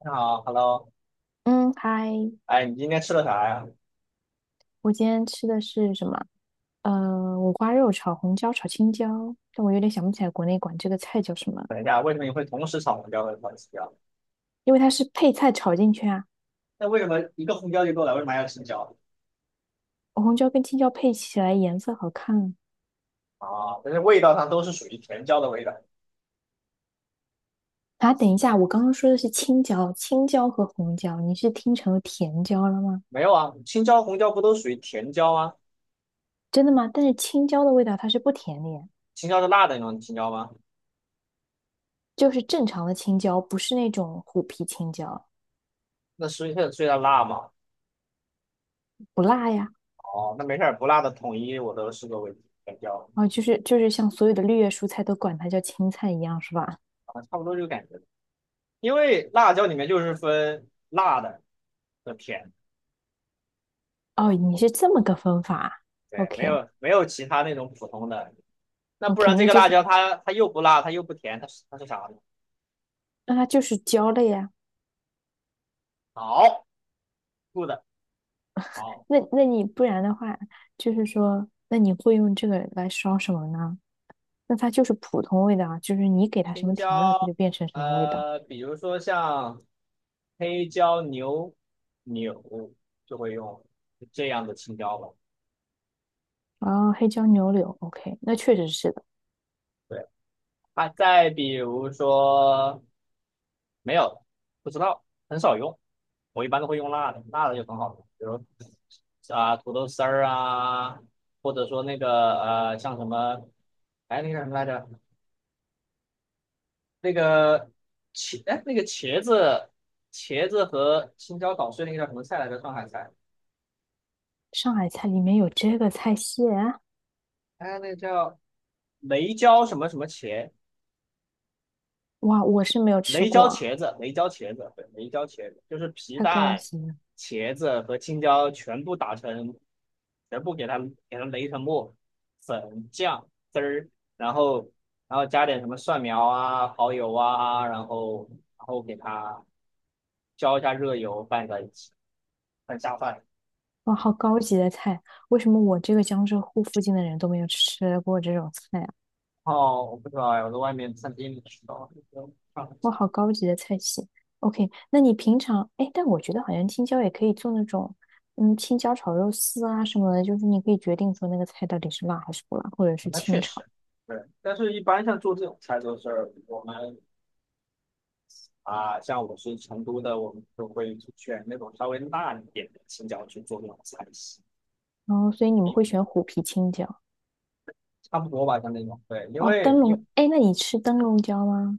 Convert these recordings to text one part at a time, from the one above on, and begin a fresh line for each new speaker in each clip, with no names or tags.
你好，Hello，
嗯，嗨，
哎，你今天吃了啥呀？
我今天吃的是什么？五花肉炒红椒炒青椒，但我有点想不起来国内管这个菜叫什么了，
等一下，为什么你会同时炒红椒和炒青椒？
因为它是配菜炒进去啊。
那为什么一个红椒就够了？为什么还要青椒？
红椒跟青椒配起来颜色好看啊。
啊，但是味道上都是属于甜椒的味道。
啊等一下，我刚刚说的是青椒，青椒和红椒，你是听成了甜椒了吗？
没有啊，青椒、红椒不都属于甜椒吗？
真的吗？但是青椒的味道它是不甜的呀，
青椒是辣的那种青椒吗？
就是正常的青椒，不是那种虎皮青椒，
那所以它辣嘛。
不辣呀。
哦，那没事儿，不辣的统一我都视作为甜椒
啊，就是像所有的绿叶蔬菜都管它叫青菜一样，是吧？
啊，差不多这个感觉。因为辣椒里面就是分辣的和甜的，
哦，你是这么个分法
对，没
，OK
有没有其他那种普通的，那不
OK，
然这个辣椒它又不辣，它又不甜，它是啥呢？
那它就是焦类呀、
好，good，好，
那你不然的话，就是说，那你会用这个来烧什么呢？那它就是普通味道啊，就是你给它什
青
么调料，它
椒，
就变成什么味道。
比如说像黑椒牛柳就会用这样的青椒吧。
哦，黑椒牛柳，OK，那确实是的。
对，啊，再比如说没有，不知道，很少用，我一般都会用辣的，辣的就很好用，比如啊土豆丝儿啊，或者说那个像什么，哎那个什么来着，那个茄，哎，那个茄子，茄子和青椒捣碎那个叫什么菜来着？上海菜，
上海菜里面有这个菜系啊，
哎，那个叫雷椒什么什么茄，
哇，我是没有吃
雷
过
椒
啊
茄子，雷椒茄子，对，雷椒茄子就是皮
太高
蛋、
级了，
茄子和青椒全部打成，全部给它给它擂成沫，粉酱汁儿，然后然后加点什么蒜苗啊、蚝油啊，然后给它浇一下热油拌在一起，很下饭。
哇，好高级的菜，为什么我这个江浙沪附近的人都没有吃过这种菜？啊？
哦，我不知道哎，我在外面餐厅里吃到的那种串串
哇，好高级的菜系。OK，那你平常，哎，但我觉得好像青椒也可以做那种，嗯，青椒炒肉丝啊什么的，就是你可以决定说那个菜到底是辣还是不辣，或者是
那
清
确
炒。
实，对。但是，一般像做这种菜都是我们啊、像我是成都的，我们就会选那种稍微辣一点的青椒去做那种菜系，
然后，所以你们会
嗯，
选虎皮青椒
差不多吧，像那种。对，因
哦，
为
灯
因为
笼。哎，那你吃灯笼椒吗？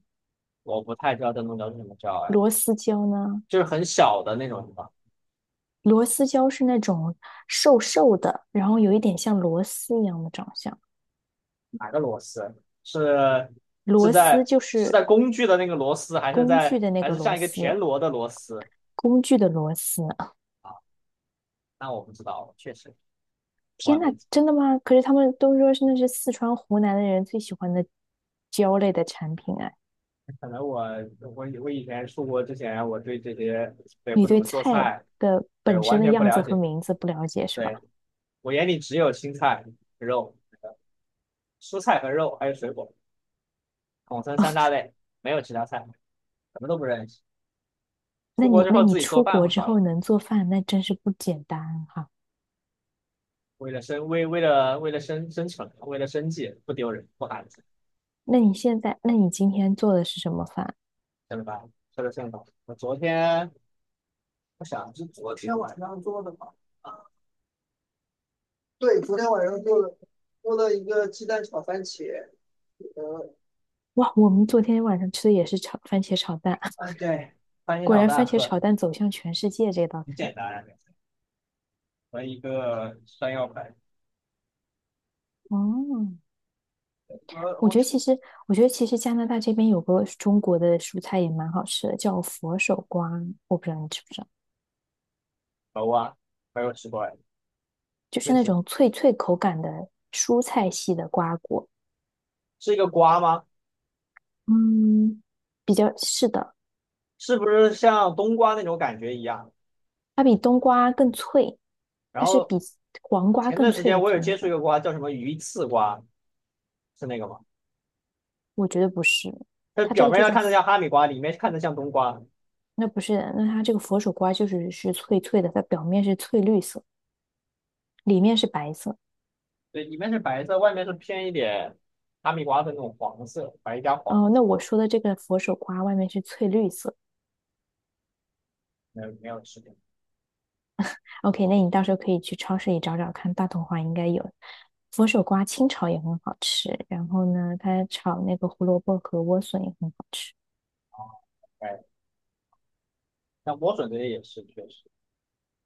我不太知道灯笼椒是什么椒，哎，
螺丝椒呢？
就是很小的那种什么，
螺丝椒是那种瘦瘦的，然后有一点像螺丝一样的长相。
哪个螺丝？是是
螺丝
在
就
是
是
在工具的那个螺丝，还是
工具
在
的那
还
个
是
螺
像一个田
丝，
螺的螺丝
工具的螺丝。
啊？那我不知道，确实我还
天呐，
没。
真的吗？可是他们都说是那是四川、湖南的人最喜欢的椒类的产品啊。
可能我我以前出国之前，我对这些对
你
不怎
对
么做
菜
菜，
的
对
本身
完
的
全不
样子
了
和
解。
名字不了解是吧？
对我眼里只有青菜、肉、蔬菜和肉，还有水果，统称三大类，没有其他菜，什么都不认识。
那
出国
你
之
那
后
你
自己做
出
饭
国
会
之
好一
后
点，
能做饭，那真是不简单哈。
为了生存，为了生计，不丢人不寒碜，
那你现在，那你今天做的是什么饭？
晓得吧？吃的正饱。我昨天我想是昨天晚上做的吧？啊，对，昨天晚上做的，做了一个鸡蛋炒番茄，呃
哇，我们昨天晚上吃的也是炒番茄炒蛋，
啊，对，翻一
果
场
然
大
番茄炒
很
蛋走向全世界这道
很
菜。
简单啊和一个山药粉，
哦，我
我
觉得其实，我觉得其实加拿大这边有个中国的蔬菜也蛮好吃的，叫佛手瓜，我不知道你知不知道，
熟啊，没有吃过哎，
就是
那
那
是
种脆脆口感的蔬菜系的瓜果。
是一个瓜吗？
嗯，比较是的，
是不是像冬瓜那种感觉一样？
它比冬瓜更脆，
然
它是
后
比黄瓜
前
更
段时
脆
间
的
我有
存
接触一
在。
个瓜，叫什么鱼刺瓜，是那个吗？
我觉得不是，
它
它这
表
个
面
就
上
叫，
看着像哈密瓜，里面看着像冬瓜，
那不是，那它这个佛手瓜就是是脆脆的，它表面是翠绿色，里面是白色。
对，里面是白色，外面是偏一点哈密瓜的那种黄色，白加黄
哦，那
色，
我说的这个佛手瓜外面是翠绿色。
没有没有吃过
OK，那你到时候可以去超市里找找看，大同华应该有。佛手瓜清炒也很好吃，然后呢，它炒那个胡萝卜和莴笋也很好吃。
啊，哎，像莴笋这些也是确实，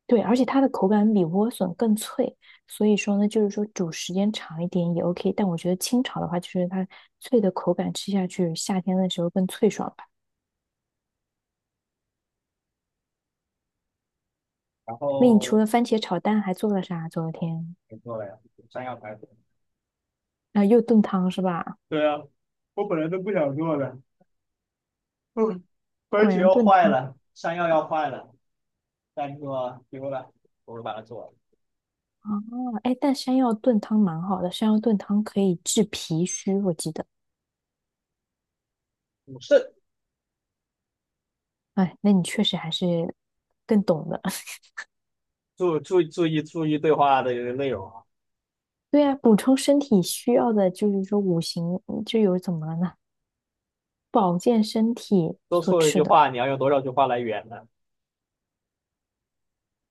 对，而且它的口感比莴笋更脆，所以说呢，就是说煮时间长一点也 OK。但我觉得清炒的话，就是它脆的口感吃下去，夏天的时候更脆爽吧。
然
那你除
后
了番茄炒蛋还做了啥啊？昨天
没错了呀，山药排骨
啊，又炖汤是吧？
对啊，我本来都不想做的，嗯，
果
茄要
然
要
炖
坏
汤
了，山药要坏了，但是说丢了，我就把它做了。
啊，哎，但山药炖汤蛮好的，山药炖汤可以治脾虚，我记得。
是，
哎，那你确实还是更懂的。
注意对话的内容啊，
对啊，补充身体需要的就是说五行嗯就有怎么了呢？保健身体
多
所
说错一
吃
句
的，
话，你要用多少句话来圆呢？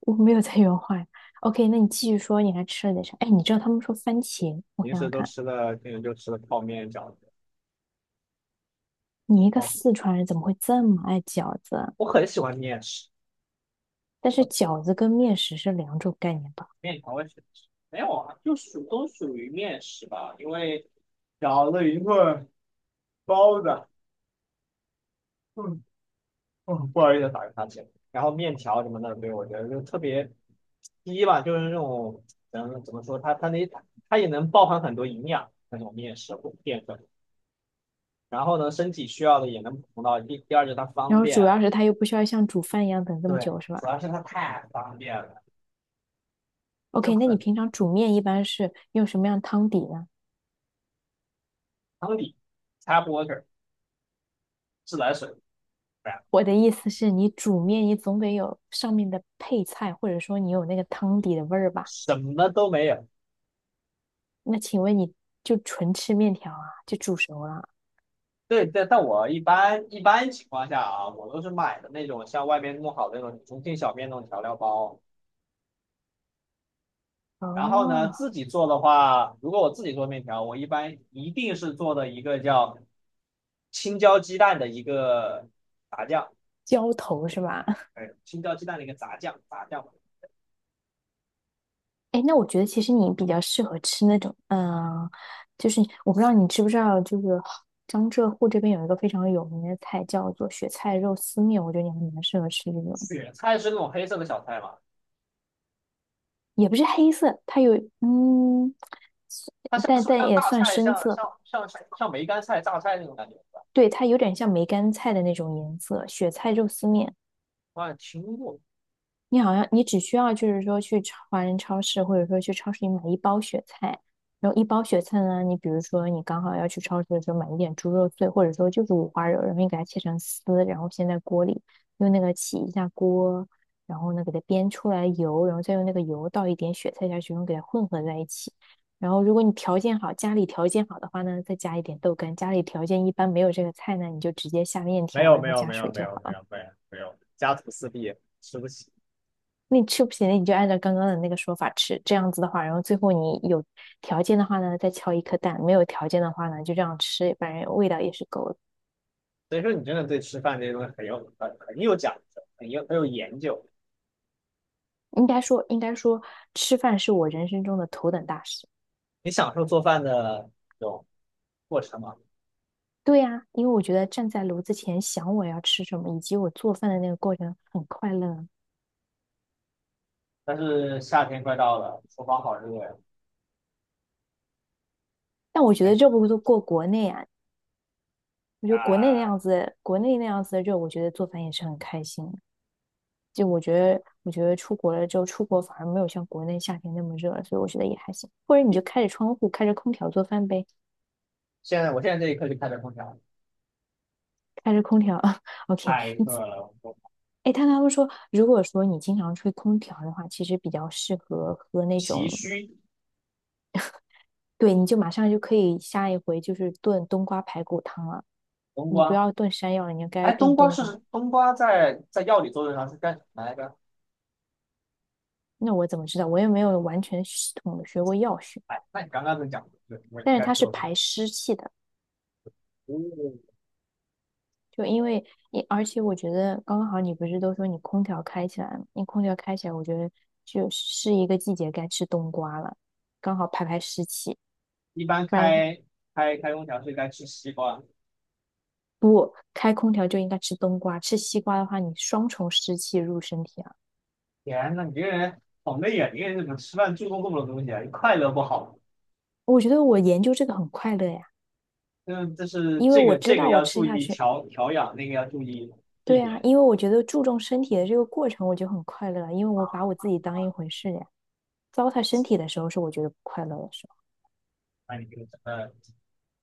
我没有在原话 OK，那你继续说，你还吃了点啥？哎，你知道他们说番茄，我
平
想
时
想
都
看，
吃了，平时就吃了泡面饺子。
你一个
哦，
四川人怎么会这么爱饺子啊
我很喜欢面食，
但是饺子跟面食是两种概念吧？
面条我也喜欢吃。没有啊，就属都属于面食吧，因为饺子、云棍、包子，嗯不好意思打个哈欠。然后面条什么的，对我觉得就特别第一吧，就是那种，嗯，怎么说，它它也能包含很多营养那种面食或淀粉，然后呢，身体需要的也能补充到。第二就是它
然
方
后
便
主要
啊，
是它又不需要像煮饭一样等这么
对，
久，是吧
主要是它太方便了，就
？OK，那你
很
平常煮面一般是用什么样汤底呢？
汤底、tap water、自来水，对啊
我的意思是你煮面，你总得有上面的配菜，或者说你有那个汤底的味儿吧？
什么都没有。
那请问你就纯吃面条啊？就煮熟了？
对对，但我一般情况下啊，我都是买的那种像外面弄好的那种重庆小面那种调料包。然后呢，
哦，
自己做的话，如果我自己做面条，我一般一定是做的一个叫青椒鸡蛋的一个炸酱，
浇头是吧？
哎，青椒鸡蛋的一个炸酱，炸酱。
哎，那我觉得其实你比较适合吃那种，嗯，就是我不知道你知不知道，就是江浙沪这边有一个非常有名的菜叫做雪菜肉丝面，我觉得你还蛮适合吃这种，
雪菜是那种黑色的小菜嘛？
也不是黑色，它有嗯，
它像
但
是不是
但
像
也
大
算
菜，
深
像
色，
像像像像梅干菜、榨菜那种感觉？是吧
对，它有点像梅干菜的那种颜色，雪菜肉丝面。
我好像听过。
你好像你只需要就是说去超华人超市，或者说去超市里买一包雪菜，然后一包雪菜呢，你比如说你刚好要去超市的时候买一点猪肉碎，或者说就是五花肉，然后你给它切成丝，然后先在锅里用那个起一下锅，然后呢给它煸出来油，然后再用那个油倒一点雪菜下去，然后给它混合在一起。然后如果你条件好，家里条件好的话呢，再加一点豆干；家里条件一般没有这个菜呢，你就直接下面
没
条，
有
然
没
后
有
加
没有
水
没
就好。
有没
了。
有没有没有，家徒四壁，吃不起。
那你吃不起行，你就按照刚刚的那个说法吃，这样子的话，然后最后你有条件的话呢，再敲一颗蛋；没有条件的话呢，就这样吃，反正味道也是够的。
所以说你真的对吃饭这些东西很有很有讲究，很有有研究。
应该说，吃饭是我人生中的头等大事。
你享受做饭的这种过程嘛？
对呀，因为我觉得站在炉子前想我要吃什么，以及我做饭的那个过程很快乐啊
但是夏天快到了，厨房好热呀！
但我觉
哎
得这不都过国内啊，我觉得国内那
啊！
样子，国内那样子的热，我觉得做饭也是很开心。就我觉得，我觉得出国了之后，出国反而没有像国内夏天那么热了，所以我觉得也还行。或者你就开着窗户，开着空调做饭呗，
现在这一刻就开着空调，
开着空调 ，OK。
太饿了，我
哎，但他们说，如果说你经常吹空调的话，其实比较适合喝那
脾
种，
虚。
对，你就马上就可以下一回就是炖冬瓜排骨汤了。
冬
你不
瓜，
要炖山药了，你应该
哎，
炖
冬瓜
冬瓜。
是冬瓜在药理作用上是干什么来着？
那我怎么知道？我也没有完全系统的学过药学，
哎，那你刚刚都讲的对，我应
但是
该
它是
做的。
排湿气的。
哦，
就因为你，而且我觉得刚刚好你不是都说你空调开起来了，你空调开起来，我觉得就是一个季节该吃冬瓜了，刚好排排湿气，
一般
不然的话
开空调是该吃西瓜。
不开空调就应该吃冬瓜，吃西瓜的话你双重湿气入身体啊。
天呐，你这个人好累啊！你这个人怎么吃饭注重这么多东西啊？你快乐不好
我觉得我研究这个很快乐呀，
嗯，这是
因为
这
我
个
知
这个
道我
要
吃
注
下
意
去，
调养，那个要注意避
对啊，
免。
因为我觉得注重身体的这个过程我就很快乐了，因为我把我自己当一回事呀。糟蹋身体的时候是我觉得不快乐的时候，
那你这个整个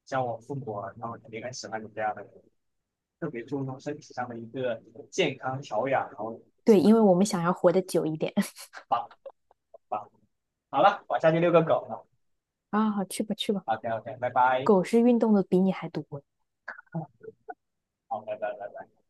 像我父母啊，他们肯定很喜欢你这样的人特别注重身体上的一个健康调养，然后。
对，因为我们想要活得久一点
好，棒，好了，我下去遛个狗了。
啊，好去吧去吧。
OK OK，拜拜，
狗是运动的比你还多
好，拜拜。